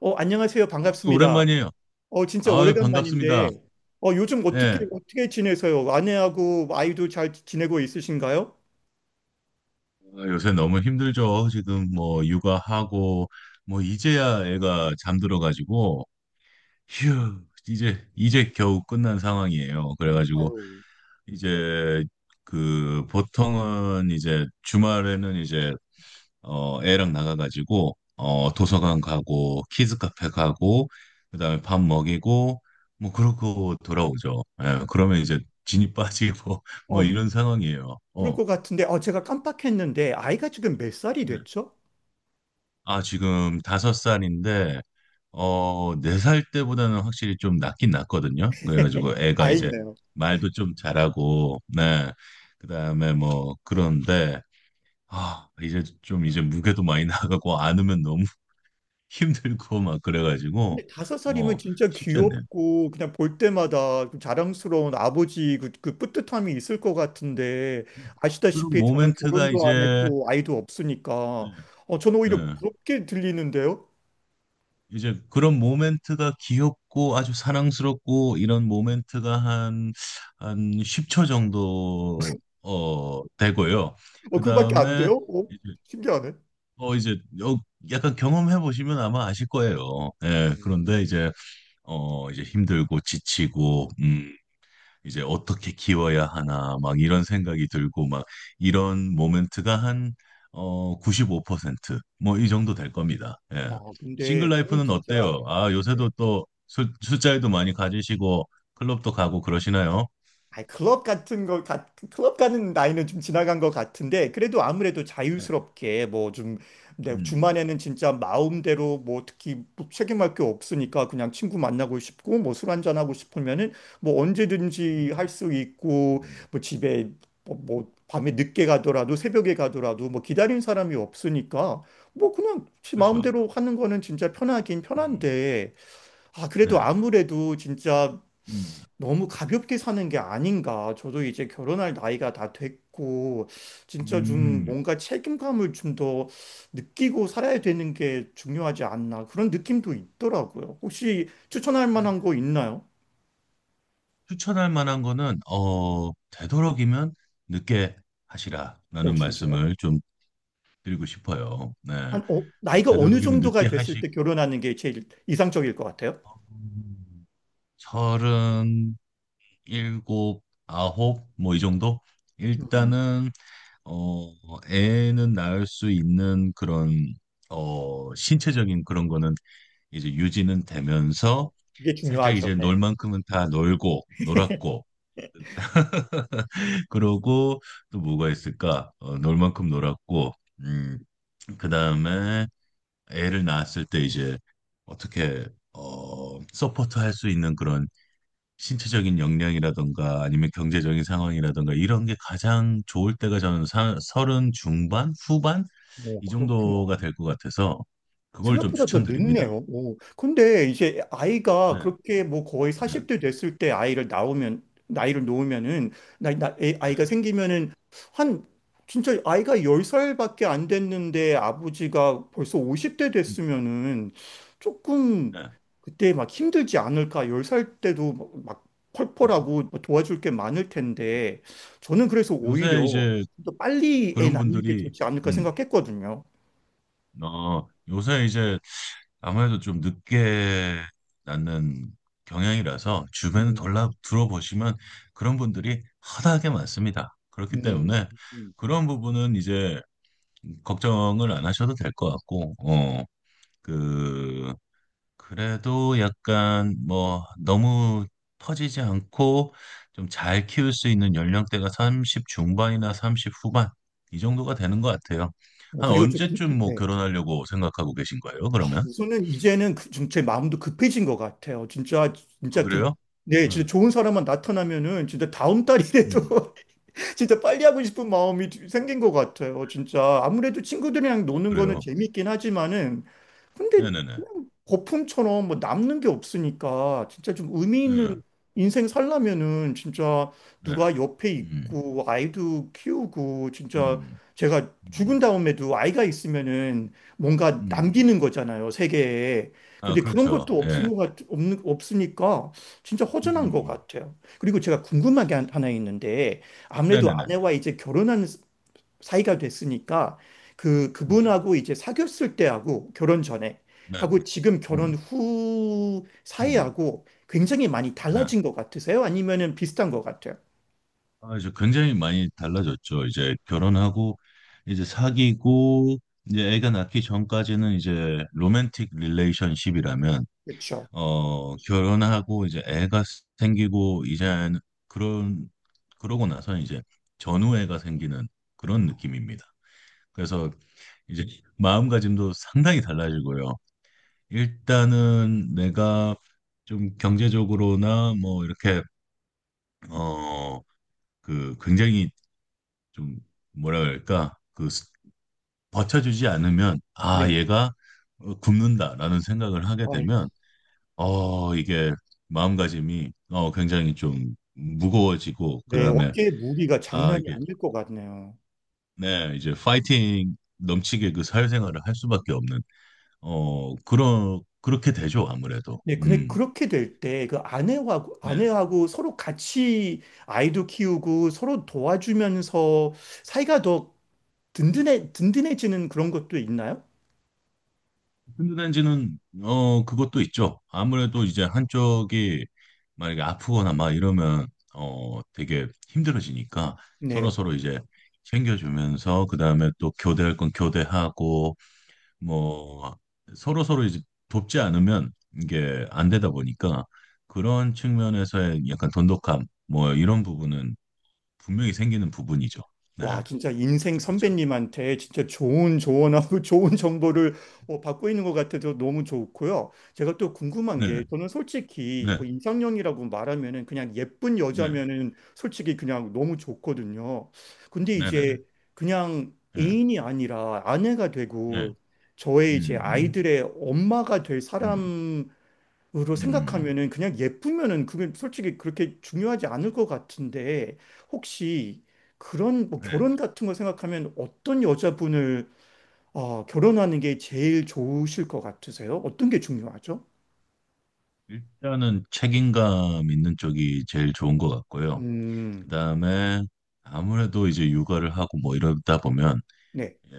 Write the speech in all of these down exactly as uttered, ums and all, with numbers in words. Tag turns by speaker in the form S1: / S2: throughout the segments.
S1: 어, 안녕하세요.
S2: 그
S1: 반갑습니다.
S2: 오랜만이에요.
S1: 어, 진짜
S2: 아, 반갑습니다.
S1: 오래간만인데, 어, 요즘 어떻게,
S2: 예.
S1: 어떻게 지내세요? 아내하고 아이도 잘 지내고 있으신가요?
S2: 아, 요새 너무 힘들죠. 지금 뭐 육아하고 뭐 이제야 애가 잠들어 가지고 휴, 이제 이제 겨우 끝난 상황이에요. 그래 가지고
S1: 아유,
S2: 이제 그 보통은 이제 주말에는 이제 어, 애랑 나가가지고, 어, 도서관 가고, 키즈 카페 가고, 그다음에 밥 먹이고, 뭐, 그러고 돌아오죠. 예, 그러면 이제 진이 빠지고, 뭐,
S1: 어,
S2: 이런 상황이에요.
S1: 그럴
S2: 어.
S1: 것 같은데, 어, 제가 깜빡했는데, 아이가 지금 몇 살이
S2: 네.
S1: 됐죠?
S2: 아, 지금 다섯 살인데, 어, 네 살 때보다는 확실히 좀 낫긴 낫거든요. 그래가지고 애가 이제
S1: 다행이네요.
S2: 말도 좀 잘하고, 네. 그다음에 뭐, 그런데, 아, 이제 좀 이제 무게도 많이 나가고, 안으면 너무 힘들고 막 그래가지고
S1: 근데 다섯 살이면
S2: 어
S1: 진짜
S2: 쉽지 않네.
S1: 귀엽고, 그냥 볼 때마다 그 자랑스러운 아버지 그, 그 뿌듯함이 있을 것 같은데,
S2: 그런
S1: 아시다시피 저는
S2: 모멘트가
S1: 결혼도 안
S2: 이제
S1: 했고, 아이도
S2: 예,
S1: 없으니까, 어, 저는 오히려
S2: 예.
S1: 부럽게 들리는데요?
S2: 이제 그런 모멘트가 귀엽고 아주 사랑스럽고 이런 모멘트가 한 한 십 초 정도 어 되고요.
S1: 어,
S2: 그
S1: 그거밖에 안
S2: 다음에
S1: 돼요? 어?
S2: 이제
S1: 신기하네.
S2: 어 이제 어, 약간 경험해 보시면 아마 아실 거예요. 예, 그런데
S1: 음,
S2: 이제 어 이제 힘들고 지치고 음 이제 어떻게 키워야 하나 막 이런 생각이 들고 막 이런 모멘트가 한 어 구십오 퍼센트 뭐 이 정도 될 겁니다. 예.
S1: 아, 근데
S2: 싱글
S1: 그러면
S2: 라이프는
S1: 진짜
S2: 어때요? 아,
S1: 네.
S2: 요새도 또 술, 술자리도 많이 가지시고 클럽도 가고 그러시나요?
S1: 아, 클럽 같은 거, 가, 클럽 가는 나이는 좀 지나간 것 같은데, 그래도 아무래도
S2: 네.
S1: 자유스럽게, 뭐 좀, 내
S2: 음.
S1: 주말에는 진짜 마음대로, 뭐 특히 뭐 책임할 게 없으니까 그냥 친구 만나고 싶고, 뭐 술 한잔하고 싶으면은, 뭐
S2: 음.
S1: 언제든지 할 수 있고,
S2: 음.
S1: 뭐 집에, 뭐, 뭐 밤에 늦게 가더라도, 새벽에 가더라도, 뭐 기다린 사람이 없으니까, 뭐 그냥 지
S2: 그렇죠.
S1: 마음대로 하는 거는 진짜 편하긴
S2: 음.
S1: 편한데, 아, 그래도
S2: 네.
S1: 아무래도 진짜
S2: 음.
S1: 너무 가볍게 사는 게 아닌가. 저도 이제 결혼할 나이가 다 됐고, 진짜 좀
S2: 음.
S1: 뭔가 책임감을 좀 더 느끼고 살아야 되는 게 중요하지 않나. 그런 느낌도 있더라고요. 혹시 추천할
S2: 네.
S1: 만한 거 있나요?
S2: 추천할 만한 거는 어 되도록이면 늦게
S1: 오,
S2: 하시라라는
S1: 진짜요?
S2: 말씀을 좀 드리고 싶어요. 네.
S1: 한, 어,
S2: 이제
S1: 나이가 어느
S2: 되도록이면
S1: 정도가
S2: 늦게
S1: 됐을 때
S2: 하시고
S1: 결혼하는 게 제일 이상적일 것 같아요?
S2: 서른 일곱 아홉 뭐 이 정도
S1: 음.
S2: 일단은 어 애는 낳을 수 있는 그런 어 신체적인 그런 거는 이제 유지는
S1: 어,
S2: 되면서
S1: 이게
S2: 살짝
S1: 중요하죠.
S2: 이제
S1: 네.
S2: 놀 만큼은 다 놀고 놀았고 그러고 또 뭐가 있을까? 어, 놀 만큼 놀았고 음 그다음에 애를 낳았을 때 이제 어떻게 어 서포트 할 수 있는 그런 신체적인 역량이라든가 아니면 경제적인 상황이라든가 이런 게 가장 좋을 때가 저는 사- 서른 중반 후반
S1: 오,
S2: 이
S1: 그렇구나.
S2: 정도가 될 것 같아서 그걸 좀
S1: 생각보다 더
S2: 추천드립니다.
S1: 늦네요. 오. 근데 이제 아이가
S2: 네,
S1: 그렇게 뭐 거의
S2: 네,
S1: 사십 대 됐을 때 아이를 낳으면, 나이를 놓으면은, 나, 나, 애-
S2: 네,
S1: 아이가 생기면은 한, 진짜 아이가 열 살밖에 안 됐는데 아버지가 벌써 오십 대
S2: 음,
S1: 됐으면은 조금
S2: 네.
S1: 그때 막 힘들지 않을까. 열 살 때도 막, 막
S2: 음.
S1: 펄펄하고 뭐 도와줄 게 많을 텐데 저는 그래서
S2: 요새
S1: 오히려
S2: 이제
S1: 더 빨리 애
S2: 그런
S1: 낳는 게
S2: 분들이
S1: 좋지 않을까
S2: 음,
S1: 생각했거든요.
S2: 어, 요새 이제 아무래도 좀 늦게 낳는 경향이라서 주변에
S1: 음,
S2: 돌아 들어보시면 그런 분들이 허다하게 많습니다. 그렇기
S1: 음.
S2: 때문에 그런 부분은 이제 걱정을 안 하셔도 될 것 같고, 어, 그, 그래도 약간 뭐 너무 터지지 않고 좀 잘 키울 수 있는 연령대가 삼십 중반이나 삼십 후반 이 정도가 되는 것 같아요.
S1: 뭐
S2: 한
S1: 그리고 저 구-
S2: 언제쯤 뭐
S1: 네.
S2: 결혼하려고 생각하고 계신 거예요, 그러면?
S1: 저는 이제는 그, 좀 제 마음도 급해진 것 같아요. 진짜
S2: 어,
S1: 진짜 그
S2: 그래요?
S1: 네, 진짜
S2: 응.
S1: 좋은 사람만 나타나면은 진짜 다음
S2: 음.
S1: 달이라도 진짜 빨리 하고 싶은 마음이 생긴 것 같아요. 진짜 아무래도 친구들이랑
S2: 어,
S1: 노는 거는
S2: 그래요.
S1: 재밌긴 하지만은 근데
S2: 네네네.
S1: 그냥 거품처럼 뭐 남는 게 없으니까 진짜 좀 의미 있는
S2: 네.
S1: 인생 살려면은 진짜
S2: 네.
S1: 누가 옆에
S2: 음.
S1: 있고 아이도 키우고 진짜
S2: 음.
S1: 제가 죽은
S2: 음.
S1: 다음에도 아이가 있으면은 뭔가 남기는
S2: 음.
S1: 거잖아요, 세계에.
S2: 아,
S1: 근데 그런
S2: 그렇죠.
S1: 것도 없은
S2: 예.
S1: 것 같, 없는, 없으니까 진짜
S2: 음. 음.
S1: 허전한 것
S2: 음.
S1: 같아요. 그리고 제가 궁금한 게 한- 하나 있는데 아무래도
S2: 네네네.
S1: 아내와 이제 결혼한 사이가 됐으니까 그
S2: 음.
S1: 그분하고 이제 사귀었을 때하고 결혼 전에
S2: 네.
S1: 하고 지금 결혼
S2: 음.
S1: 후
S2: 음. 음.
S1: 사이하고 굉장히 많이
S2: 네.
S1: 달라진 것 같으세요? 아니면은 비슷한 것 같아요?
S2: 아, 이제 굉장히 많이 달라졌죠. 이제 결혼하고 이제 사귀고 이제 애가 낳기 전까지는 이제 로맨틱 릴레이션십이라면
S1: 그렇죠.
S2: 어, 결혼하고 이제 애가 생기고 이제 그런 그러고 나서 이제 전우애가 생기는 그런 느낌입니다. 그래서 이제 마음가짐도 상당히 달라지고요. 일단은 내가 좀 경제적으로나 뭐 이렇게 어 그 굉장히 좀 뭐라 그럴까 그 스- 버텨주지 않으면 아
S1: 네.
S2: 얘가 어, 굶는다라는 생각을 하게
S1: 아이고,
S2: 되면 어 이게 마음가짐이 어 굉장히 좀 무거워지고
S1: 네,
S2: 그다음에
S1: 어깨에 무리가
S2: 아
S1: 장난이
S2: 이게
S1: 아닐 것 같네요.
S2: 네 이제 파이팅 넘치게 그 사회생활을 할 수밖에 없는 어, 그러, 그렇게 되죠, 아무래도.
S1: 네, 근데
S2: 음.
S1: 그렇게 될 때 그 아내하고
S2: 네.
S1: 아내하고 서로 같이 아이도 키우고 서로 도와주면서 사이가 더 든든해 든든해지는 그런 것도 있나요?
S2: 든든한지는, 어, 그것도 있죠. 아무래도 이제 한쪽이 만약에 아프거나 막 이러면, 어, 되게 힘들어지니까
S1: 네.
S2: 서로서로 이제 챙겨주면서, 그 다음에 또 교대할 건 교대하고, 뭐, 서로서로 이제 돕지 않으면 이게 안 되다 보니까 그런 측면에서의 약간 돈독함, 뭐, 이런 부분은 분명히 생기는 부분이죠. 네.
S1: 와, 진짜 인생
S2: 그렇죠.
S1: 선배님한테 진짜 좋은 조언하고 좋은 정보를 어, 받고 있는 것 같아서 너무 좋고요. 제가 또 궁금한
S2: 네.
S1: 게 저는 솔직히
S2: 네.
S1: 뭐 이상형이라고 말하면은 그냥 예쁜
S2: 네,
S1: 여자면은 솔직히 그냥 너무 좋거든요. 근데 이제
S2: 네네네.
S1: 그냥
S2: 네,
S1: 애인이 아니라 아내가
S2: 네,
S1: 되고 저의 이제
S2: 음, 음,
S1: 아이들의 엄마가 될
S2: 음,
S1: 사람이 으로
S2: 음,
S1: 생각하면은 그냥 예쁘면은 그게 솔직히 그렇게 중요하지 않을 것 같은데 혹시 그런 뭐
S2: 네.
S1: 결혼 같은 거 생각하면 어떤 여자분을 어, 결혼하는 게 제일 좋으실 것 같으세요? 어떤 게 중요하죠?
S2: 일단은 책임감 있는 쪽이 제일 좋은 것 같고요.
S1: 음,
S2: 그 다음에 아무래도 이제 육아를 하고 뭐 이러다 보면
S1: 네.
S2: 예,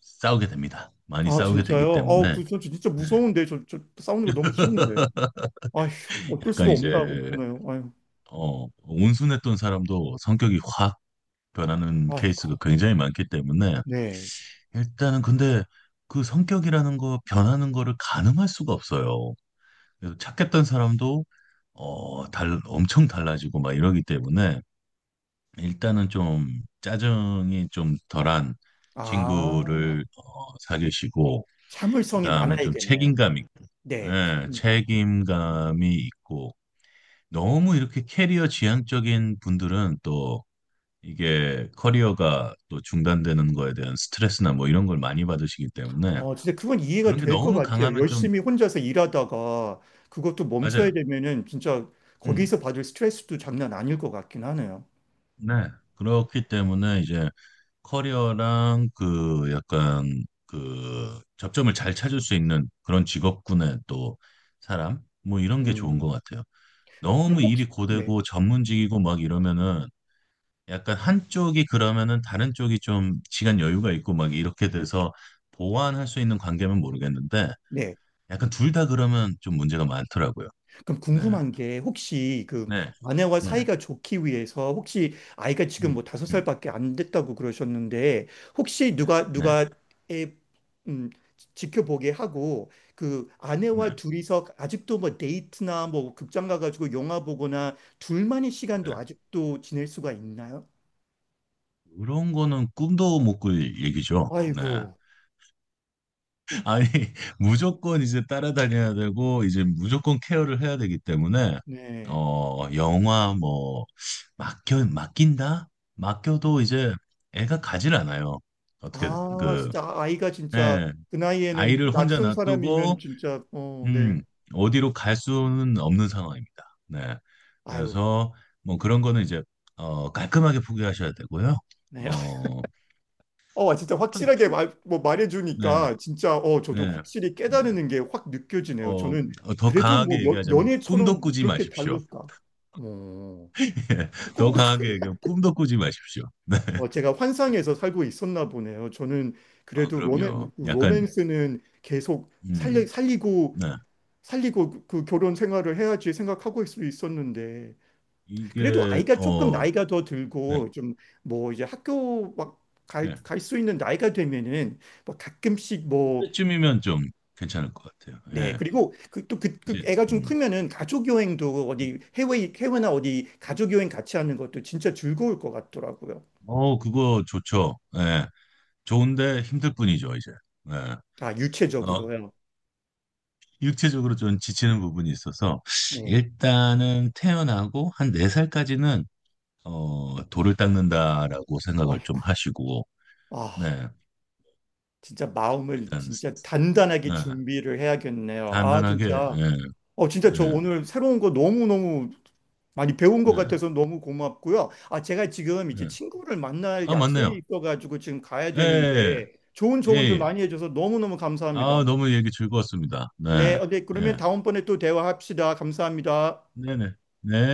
S2: 싸우게 됩니다. 많이
S1: 아,
S2: 싸우게 되기
S1: 진짜요? 어,
S2: 때문에 네.
S1: 그, 저 진짜 무서운데. 저, 저 싸우는 거 너무 싫은데. 아휴, 어쩔
S2: 약간
S1: 수가
S2: 이제
S1: 없나 보네요. 아유,
S2: 어, 온순했던 사람도 성격이 확 변하는
S1: 아이고.
S2: 케이스가 굉장히 많기 때문에
S1: 네.
S2: 일단은 근데 그 성격이라는 거 변하는 거를 가늠할 수가 없어요. 그래서 착했던 사람도 어, 달, 엄청 달라지고 막 이러기 때문에 일단은 좀 짜증이 좀 덜한
S1: 아,
S2: 친구를 어, 사귀시고
S1: 참을성이
S2: 그다음에 좀
S1: 많아야겠네요.
S2: 책임감 있고
S1: 네.
S2: 예,
S1: 책임.
S2: 책임감이 있고 너무 이렇게 캐리어 지향적인 분들은 또 이게 커리어가 또 중단되는 거에 대한 스트레스나 뭐 이런 걸 많이 받으시기 때문에
S1: 어, 진짜 그건 이해가
S2: 그런 게
S1: 될 것
S2: 너무
S1: 같아요.
S2: 강하면 좀
S1: 열심히 혼자서 일하다가 그것도 멈춰야
S2: 맞아요.
S1: 되면은 진짜
S2: 음,
S1: 거기서 받을 스트레스도 장난 아닐 것 같긴 하네요.
S2: 네. 그렇기 때문에 이제 커리어랑 그 약간 그 접점을 잘 찾을 수 있는 그런 직업군의 또 사람 뭐 이런 게 좋은 것
S1: 음.
S2: 같아요.
S1: 그럼
S2: 너무
S1: 혹시,
S2: 일이
S1: 네,
S2: 고되고 전문직이고 막 이러면은 약간 한쪽이 그러면은 다른 쪽이 좀 시간 여유가 있고 막 이렇게 돼서 보완할 수 있는 관계면 모르겠는데
S1: 네.
S2: 약간 둘 다 그러면 좀 문제가 많더라고요.
S1: 그럼
S2: 네.
S1: 궁금한 게 혹시 그
S2: 네.
S1: 아내와
S2: 네.
S1: 사이가 좋기 위해서 혹시 아이가 지금
S2: 음.
S1: 뭐 다섯
S2: 음.
S1: 살밖에 안 됐다고 그러셨는데 혹시 누가
S2: 네.
S1: 누가 애 음, 지켜보게 하고 그
S2: 네.
S1: 아내와 둘이서 아직도 뭐 데이트나 뭐 극장 가가지고 영화 보거나 둘만의
S2: 네.
S1: 시간도 아직도 지낼 수가 있나요?
S2: 그런 거는 꿈도 못 꿀 얘기죠. 네.
S1: 아이고,
S2: 아니, 무조건 이제 따라다녀야 되고, 이제 무조건 케어를 해야 되기 때문에,
S1: 네.
S2: 어, 영화 뭐, 맡겨, 맡긴다? 맡겨도 이제 애가 가질 않아요. 어떻게,
S1: 아,
S2: 그,
S1: 진짜 아- 아이가 진짜
S2: 예,
S1: 그 나이에는
S2: 아이를 혼자
S1: 낯선 사람이면
S2: 놔두고,
S1: 진짜 어, 네.
S2: 음, 어디로 갈 수는 없는 상황입니다. 네.
S1: 아유,
S2: 그래서, 뭐 그런 거는 이제, 어, 깔끔하게 포기하셔야 되고요.
S1: 네.
S2: 어,
S1: 어, 진짜 확실하게 말, 뭐
S2: 네,
S1: 말해주니까 진짜 어, 저도
S2: 네,
S1: 확실히
S2: 네.
S1: 깨달는 게 확 느껴지네요.
S2: 어,
S1: 저는
S2: 더
S1: 그래도 뭐
S2: 강하게
S1: 연,
S2: 얘기하자면, 꿈도
S1: 연애처럼 뭐
S2: 꾸지
S1: 그렇게
S2: 마십시오.
S1: 다를까? 어,
S2: 예, 더
S1: 꿈도
S2: 강하게 얘기하면
S1: 꾸게.
S2: 꿈도 꾸지 마십시오.
S1: 어, 제가 환상에서 살고 있었나 보네요. 저는
S2: 아,
S1: 그래도 로맨,
S2: 그럼요. 약간,
S1: 로맨스는 계속 살리,
S2: 음,
S1: 살리고
S2: 네.
S1: 살리고 그 그 결혼 생활을 해야지 생각하고 있을 수 있었는데 그래도
S2: 이게,
S1: 아이가 조금
S2: 어,
S1: 나이가 더
S2: 네,
S1: 들고 좀 뭐 이제 학교 막 갈,
S2: 네.
S1: 갈 수 있는 나이가 되면은 뭐 가끔씩 뭐
S2: 그때쯤이면 좀 괜찮을 것 같아요.
S1: 네,
S2: 예.
S1: 그리고 그, 또 그, 그
S2: 이제,
S1: 애가 좀
S2: 음.
S1: 크면은 가족 여행도 어디 해외, 해외나 어디 가족 여행 같이 하는 것도 진짜 즐거울 것 같더라고요.
S2: 어, 그거 좋죠. 예. 좋은데 힘들 뿐이죠, 이제. 예.
S1: 아,
S2: 어,
S1: 유체적으로요.
S2: 육체적으로 좀 지치는 부분이 있어서,
S1: 네.
S2: 일단은 태어나고 한 네살까지는 어, 돌을 닦는다라고 생각을 좀
S1: 아이고,
S2: 하시고,
S1: 아,
S2: 네.
S1: 진짜 마음을
S2: 일단,
S1: 진짜 단단하게
S2: 네.
S1: 준비를 해야겠네요. 아,
S2: 단단하게,
S1: 진짜.
S2: 예.
S1: 어, 진짜 저
S2: 네.
S1: 오늘 새로운 거 너무너무 많이 배운 것
S2: 네.
S1: 같아서 너무 고맙고요. 아, 제가 지금 이제
S2: 네.
S1: 친구를 만날
S2: 아,
S1: 약속이
S2: 맞네요.
S1: 있어가지고 지금 가야 되는데
S2: 예.
S1: 좋은
S2: 예. 예.
S1: 조언들
S2: 예.
S1: 많이 해줘서 너무너무 감사합니다.
S2: 아, 너무 얘기 즐거웠습니다.
S1: 네,
S2: 네.
S1: 어, 네, 그러면
S2: 예.
S1: 다음번에 또 대화합시다. 감사합니다.
S2: 네네. 네.